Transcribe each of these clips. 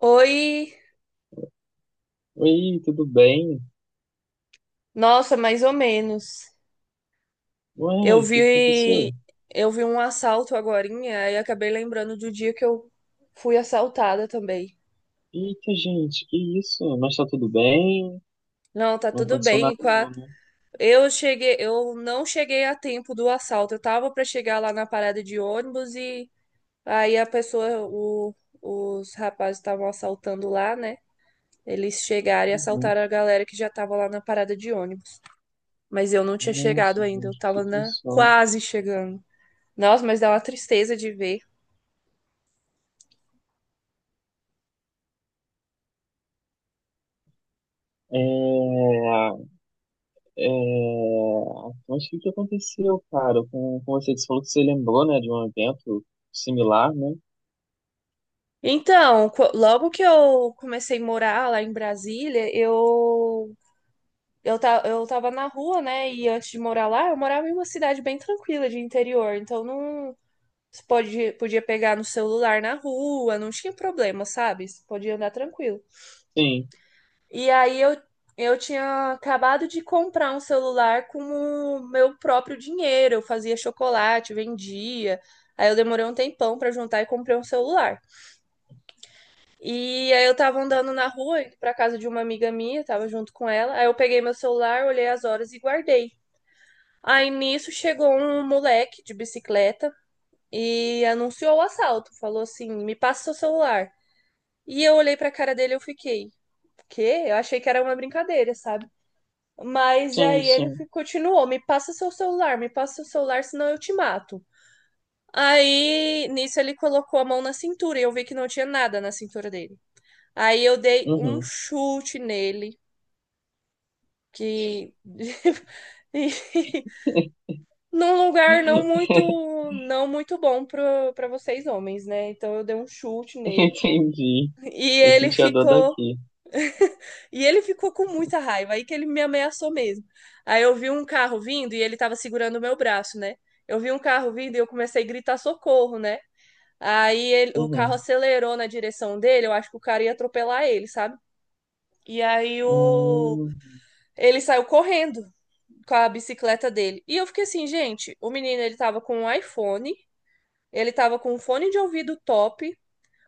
Oi, Oi, tudo bem? nossa, mais ou menos. Ué, Eu o que que aconteceu? vi, eu vi um assalto agorinha e acabei lembrando do dia que eu fui assaltada também. Eita, gente, que isso? Mas tá tudo bem? Não, tá Não tudo aconteceu nada bem. Não, né? Eu cheguei, eu não cheguei a tempo do assalto. Eu tava pra chegar lá na parada de ônibus e aí os rapazes estavam assaltando lá, né? Eles chegaram e Uhum. assaltaram a galera que já tava lá na parada de ônibus. Mas eu não tinha chegado Nossa, ainda, eu gente, que tava na situação. quase chegando. Nossa, mas dá uma tristeza de ver. É, é... Mas o que que aconteceu, cara? Com você falou que você lembrou, né, de um evento similar, né? Então, logo que eu comecei a morar lá em Brasília, eu tava na rua, né? E antes de morar lá, eu morava em uma cidade bem tranquila de interior. Então, não você podia pegar no celular na rua, não tinha problema, sabe? Você podia andar tranquilo. Sim, E aí eu, eu tinha acabado de comprar um celular com o meu próprio dinheiro. Eu fazia chocolate, vendia. Aí eu demorei um tempão pra juntar e comprei um celular. E aí eu tava andando na rua, indo pra casa de uma amiga minha, tava junto com ela. Aí eu peguei meu celular, olhei as horas e guardei. Aí nisso chegou um moleque de bicicleta e anunciou o assalto. Falou assim: "Me passa seu celular". E eu olhei pra cara dele e eu fiquei: "Quê?". Eu achei que era uma brincadeira, sabe? Mas sim, aí ele sim. Continuou: "Me passa seu celular, me passa seu celular, senão eu te mato". Aí nisso ele colocou a mão na cintura e eu vi que não tinha nada na cintura dele. Aí eu dei um Uhum. chute nele, que e num lugar não muito não muito bom para vocês homens, né? Então eu dei um chute nele Entendi. e Eu ele senti a dor ficou daqui. e ele ficou com muita raiva aí que ele me ameaçou mesmo. Aí eu vi um carro vindo e ele tava segurando o meu braço, né? Eu vi um carro vindo e eu comecei a gritar socorro, né? O carro Uhum. acelerou na direção dele, eu acho que o cara ia atropelar ele, sabe? E aí o Hum. Ele saiu correndo com a bicicleta dele. E eu fiquei assim, gente, o menino ele tava com um iPhone, ele tava com um fone de ouvido top,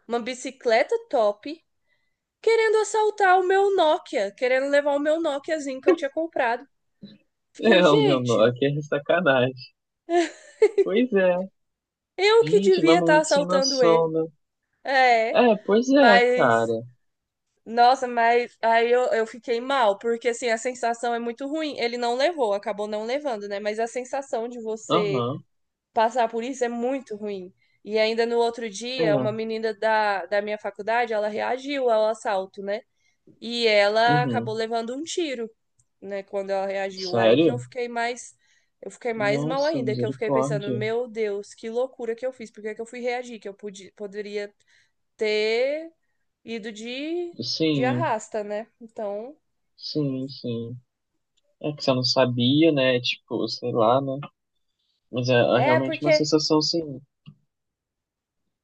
uma bicicleta top, querendo assaltar o meu Nokia, querendo levar o meu Nokiazinho que eu tinha comprado. Fiquei, É, o meu nó gente, aqui é sacanagem. Pois é. eu que Gente, devia mas estar muito sem assaltando noção, ele. né? É, É, pois é, mas cara. nossa, mas eu fiquei mal, porque assim, a sensação é muito ruim. Ele não levou, acabou não levando, né? Mas a sensação de você Aham. passar por isso é muito ruim. E ainda no outro É. dia, uma menina da minha faculdade, ela reagiu ao assalto, né? E ela acabou Uhum. levando um tiro, né, quando ela reagiu. Aí que Sério? Eu fiquei mais mal Nossa, ainda, que eu fiquei pensando, misericórdia. meu Deus, que loucura que eu fiz, por que que eu fui reagir? Que poderia ter ido de Sim, arrasta, né? Então, sim, sim. É que você não sabia, né? Tipo, sei lá, né? Mas é, é é realmente uma porque sensação, sim.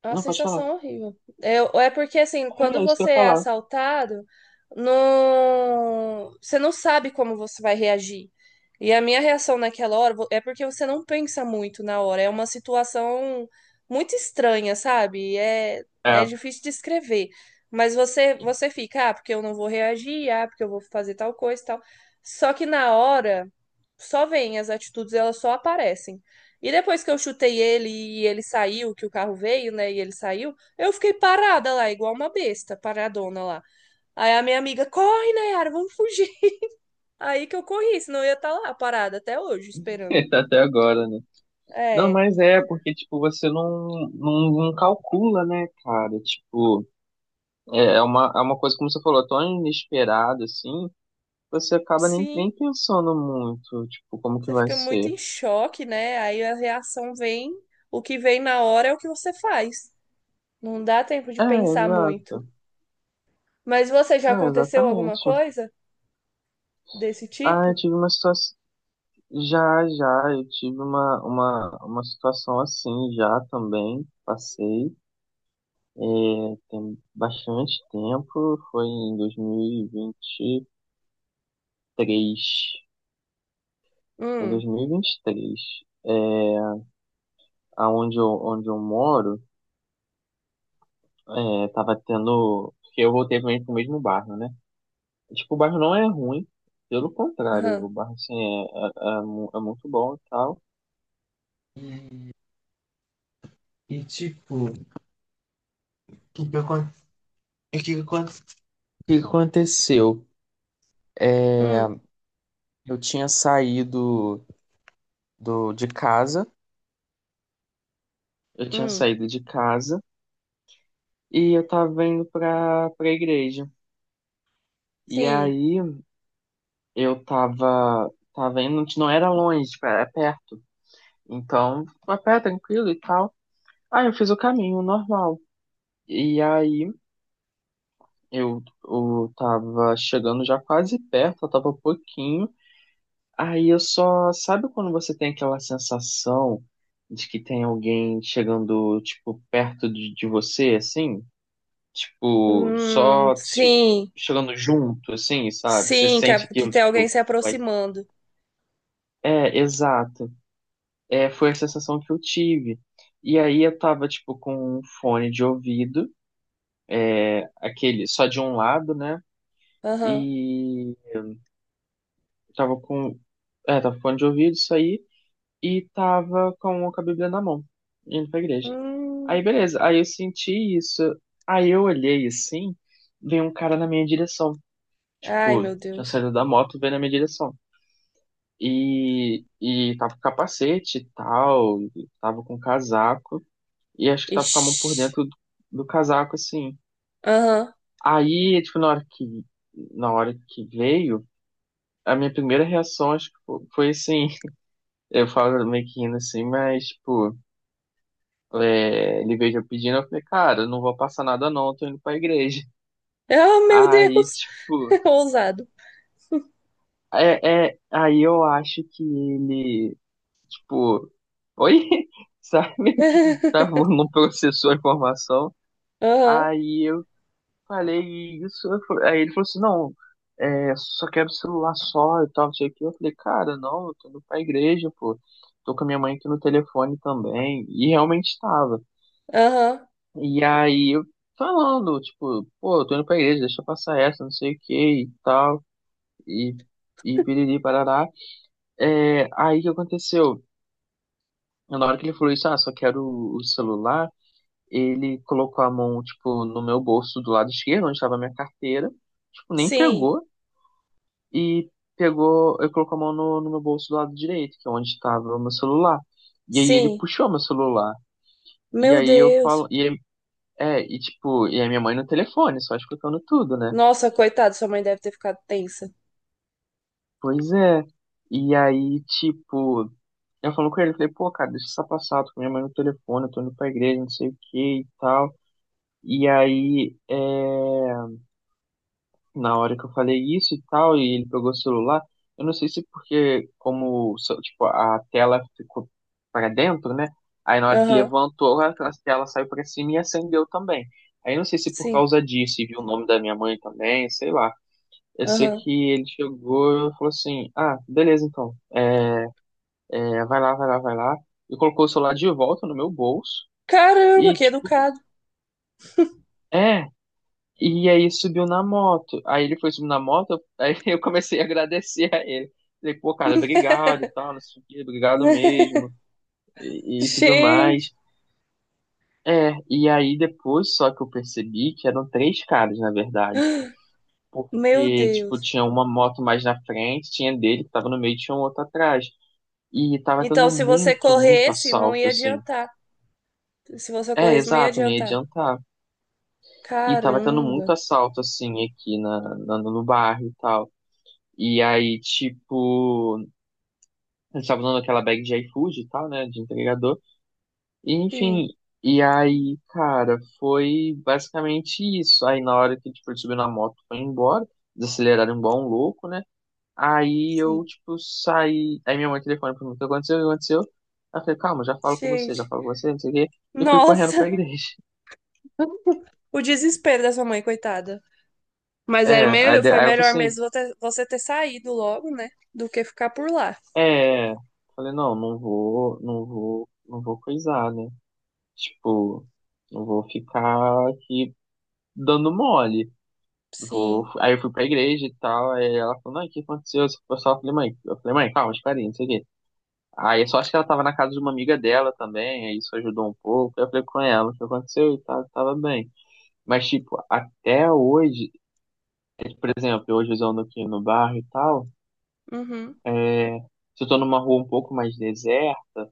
É uma Não, pode falar. sensação horrível. É, é porque, assim, É, quando é isso que eu você ia é falar. assaltado, não... você não sabe como você vai reagir. E a minha reação naquela hora é porque você não pensa muito na hora. É uma situação muito estranha, sabe? É, é É, difícil de escrever. Mas você fica, ah, porque eu não vou reagir, ah, porque eu vou fazer tal coisa e tal. Só que na hora, só vem, as atitudes, elas só aparecem. E depois que eu chutei ele e ele saiu, que o carro veio, né? E ele saiu, eu fiquei parada lá, igual uma besta, paradona lá. Aí a minha amiga, corre, Nayara, vamos fugir. Aí que eu corri, senão eu ia estar lá parada até hoje, esperando. até agora, né? Não, É, mas é, porque, tipo, você não, não, não calcula, né, cara? Tipo, é uma coisa, como você falou, tão inesperada, assim, você acaba nem sim, pensando muito, tipo, como que você vai fica muito ser. em choque, né? Aí a reação vem, o que vem na hora é o que você faz. Não dá tempo de É, pensar muito. exato. Mas você já Não, aconteceu alguma exatamente. coisa desse Ah, eu tipo? tive uma situação. Já, já, eu tive uma situação assim já também. Passei, tem bastante tempo, foi em 2023. Em dois Hum, mil e vinte e três é, onde eu moro, é, tava tendo. Porque eu voltei também pro mesmo bairro, né? Tipo, o bairro não é ruim, pelo contrário, aham, o bairro, assim, é muito bom e tal. E, tipo, o que que acon- o que que acon- o que que aconteceu? É, hum, eu tinha saído do, de casa, eu tinha hum, saído de casa e eu tava indo pra igreja. E sim. aí, eu tava indo, não era longe, tipo, era perto. Então, a pé, tranquilo e tal. Aí, eu fiz o caminho normal. E aí... eu tava chegando já quase perto, eu tava um pouquinho. Aí eu só. Sabe quando você tem aquela sensação de que tem alguém chegando, tipo, perto de você, assim? Tipo, Hum. só se- Sim, chegando junto, assim, sabe? Você sim, que, sente que aquilo, tem alguém tipo, se vai. aproximando. É, exato. É, foi a sensação que eu tive. E aí eu tava, tipo, com um fone de ouvido, aquele só de um lado, né? Aham. E tava com. É, tava com fone de ouvido, isso aí. E tava com a Bíblia na mão, indo pra igreja. Hum. Aí, beleza. Aí eu senti isso. Aí eu olhei assim, veio um cara na minha direção. Ai, Tipo, meu tinha Deus. saído da moto, veio na minha direção. E tava com capacete e tal, tava com casaco. E acho que tava com a mão Ixi. por dentro do, do casaco, assim. Aham. Aí, tipo, na hora que veio, a minha primeira reação, acho que foi assim. Eu falo meio que rindo assim, mas, tipo, é, ele veio já pedindo, eu falei, cara, não vou passar nada não, eu tô indo pra igreja. Ah, meu Aí, Deus. tipo, Ousado. é, é, aí eu acho que ele, tipo, oi, sabe? Tá, não processou a informação. Aham, Aí eu falei isso, aí ele falou assim, não, é, só quero celular só e tal, não sei o que. Eu falei, cara, não, eu tô indo pra igreja, pô. Tô com a minha mãe aqui no telefone também. E realmente estava. aham. E aí, eu falando, tipo, pô, eu tô indo pra igreja, deixa eu passar essa, não sei o que e tal, e, e piriri, parará. É, aí, o que aconteceu? Na hora que ele falou isso, ah, só quero o celular, ele colocou a mão, tipo, no meu bolso do lado esquerdo, onde estava a minha carteira, tipo, nem Sim, pegou, e eu colocou a mão no meu bolso do lado direito, que é onde estava o meu celular. E aí, ele sim. puxou meu celular. E Meu aí, eu falo, Deus. e, aí- é, e tipo, e a minha mãe no telefone, só escutando tudo, né? Nossa, coitado, sua mãe deve ter ficado tensa. Pois é. E aí, tipo, eu falo com ele, falei, pô, cara, deixa essa passar, tô com minha mãe no telefone, eu tô indo pra igreja, não sei o que e tal. E aí, é, na hora que eu falei isso e tal, e ele pegou o celular, eu não sei se porque, como, so- tipo, a tela ficou pra dentro, né? Aí na hora que Aham, levantou, a tela saiu pra cima e acendeu também. Aí eu não sei se por sim, causa disso, e viu o nome da minha mãe também, sei lá. Eu sei que aham. ele chegou e falou assim, ah, beleza então. É, vai lá, vai lá, vai lá. E colocou o celular de volta no meu bolso. Caramba, E, que tipo, educado. é. E aí subiu na moto. Aí ele foi subir na moto, aí eu comecei a agradecer a ele. Falei, pô, cara, obrigado e tal, não sei o quê, obrigado mesmo. E tudo mais. Gente, É, e aí depois só que eu percebi que eram três caras, na verdade. meu Porque, tipo, Deus. tinha uma moto mais na frente, tinha dele que tava no meio, e tinha um outro atrás. E tava Então, tendo se você muito, muito corresse, não assalto, ia assim. adiantar. Se você É, corresse, não ia exato, não ia adiantar. adiantar. E tava tendo muito Caramba. assalto, assim, aqui no bairro e tal. E aí, tipo, a gente tava usando aquela bag de iFood e tal, né, de entregador. E, Sim, enfim, e aí, cara, foi basicamente isso. Aí, na hora que, tipo, ele subiu na moto, foi embora, desaceleraram igual bom louco, né? Aí sim. eu, tipo, saí. Aí minha mãe telefona pra mim, o que aconteceu? O que aconteceu? Aí eu falei, calma, já falo com você, já Gente. falo com você, não sei o quê. E eu fui correndo pra Nossa. igreja. O desespero da sua mãe, coitada. Mas era É, aí melhor, de- foi aí ela falou melhor assim, mesmo você ter saído logo, né? Do que ficar por lá. É, falei, não, não vou coisar, né? Tipo, não vou ficar aqui dando mole. Vou... Sim. Aí eu fui pra igreja e tal, aí ela falou, não, o que aconteceu? Esse pessoal, eu só falei, mãe, eu falei, mãe, calma, espera aí, não sei o quê. Aí eu só acho que ela tava na casa de uma amiga dela também, aí isso ajudou um pouco. Aí eu falei com ela, o que aconteceu? E tal, tava bem. Mas, tipo, até hoje, é, por exemplo, hoje eu ando aqui no bairro e tal, Uhum. é, se eu tô numa rua um pouco mais deserta,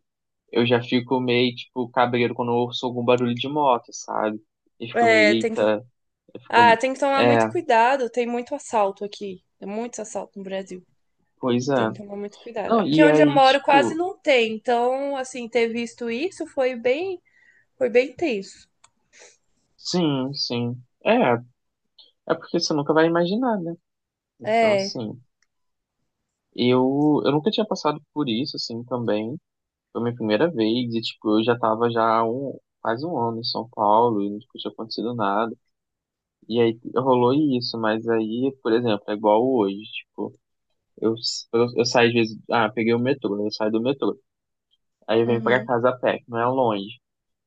eu já fico meio, tipo, cabreiro quando eu ouço algum barulho de moto, sabe? E fico meio, É, tem que. eita, eu Ah, fico. tem que tomar muito É, cuidado. Tem muito assalto aqui. Tem muito assalto no Brasil. pois é. Tem que tomar muito cuidado. Não, Aqui e onde eu aí, moro quase tipo, não tem. Então, assim, ter visto isso foi bem tenso. sim, sim. É, é porque você nunca vai imaginar, né? Então, É. assim, eu nunca tinha passado por isso, assim, também. Foi minha primeira vez, e, tipo, eu já tava já há quase um ano em São Paulo, e nunca tinha acontecido nada. E aí rolou isso, mas aí, por exemplo, é igual hoje, tipo. Eu, eu saio às vezes, ah, peguei o metrô, né? Eu saio do metrô. Aí eu venho pra Uhum. casa a pé, que não é longe.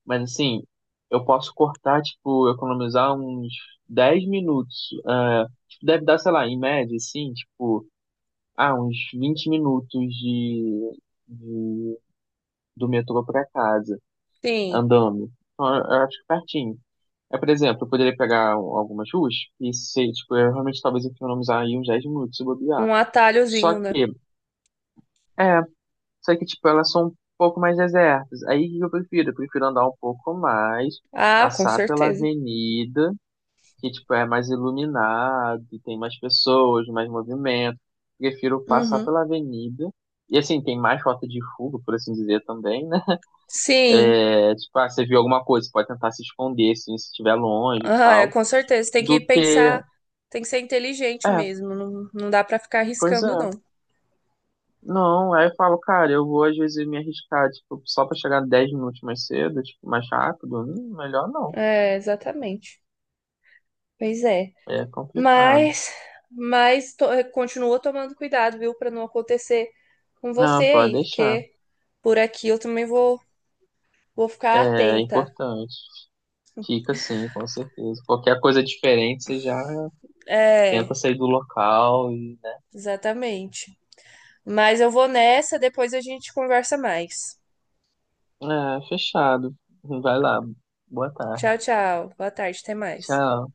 Mas assim, eu posso cortar, tipo, economizar uns 10 minutos. Ah, tipo, deve dar, sei lá, em média, assim, tipo, ah, uns 20 minutos de, de- do metrô pra casa, Sim. andando. Então, eu acho que pertinho. É, por exemplo, eu poderia pegar algumas ruas e ser, tipo, eu realmente talvez economizar aí uns 10 minutos se bobear. Um Só atalhozinho, né? que, é, só que, tipo, elas são um pouco mais desertas. Aí o que eu prefiro? Eu prefiro andar um pouco mais, Ah, com passar pela certeza. avenida, que, tipo, é mais iluminado, e tem mais pessoas, mais movimento. Prefiro passar Uhum. pela avenida. E, assim, tem mais rota de fuga, por assim dizer, também, né? Sim, É, tipo, ah, você viu alguma coisa, você pode tentar se esconder, assim, se estiver longe e ah, é, tal. com certeza. Tem que Do que... pensar, tem que ser inteligente É, mesmo. Não, não dá pra ficar pois é. arriscando, não. Não, aí eu falo, cara, eu vou às vezes me arriscar, tipo, só pra chegar 10 minutos mais cedo, tipo, mais rápido. Hum, melhor não. É, exatamente. Pois é. É complicado. Mas, mas continua tomando cuidado, viu, pra não acontecer com você Não, pode aí, deixar. porque por aqui eu também vou ficar É atenta. importante. Fica sim, com certeza. Qualquer coisa diferente, você já tenta É, sair do local e. exatamente. Mas eu vou nessa, depois a gente conversa mais. É, fechado. Vai lá. Boa tarde. Tchau, tchau. Boa tarde, até mais. Tchau.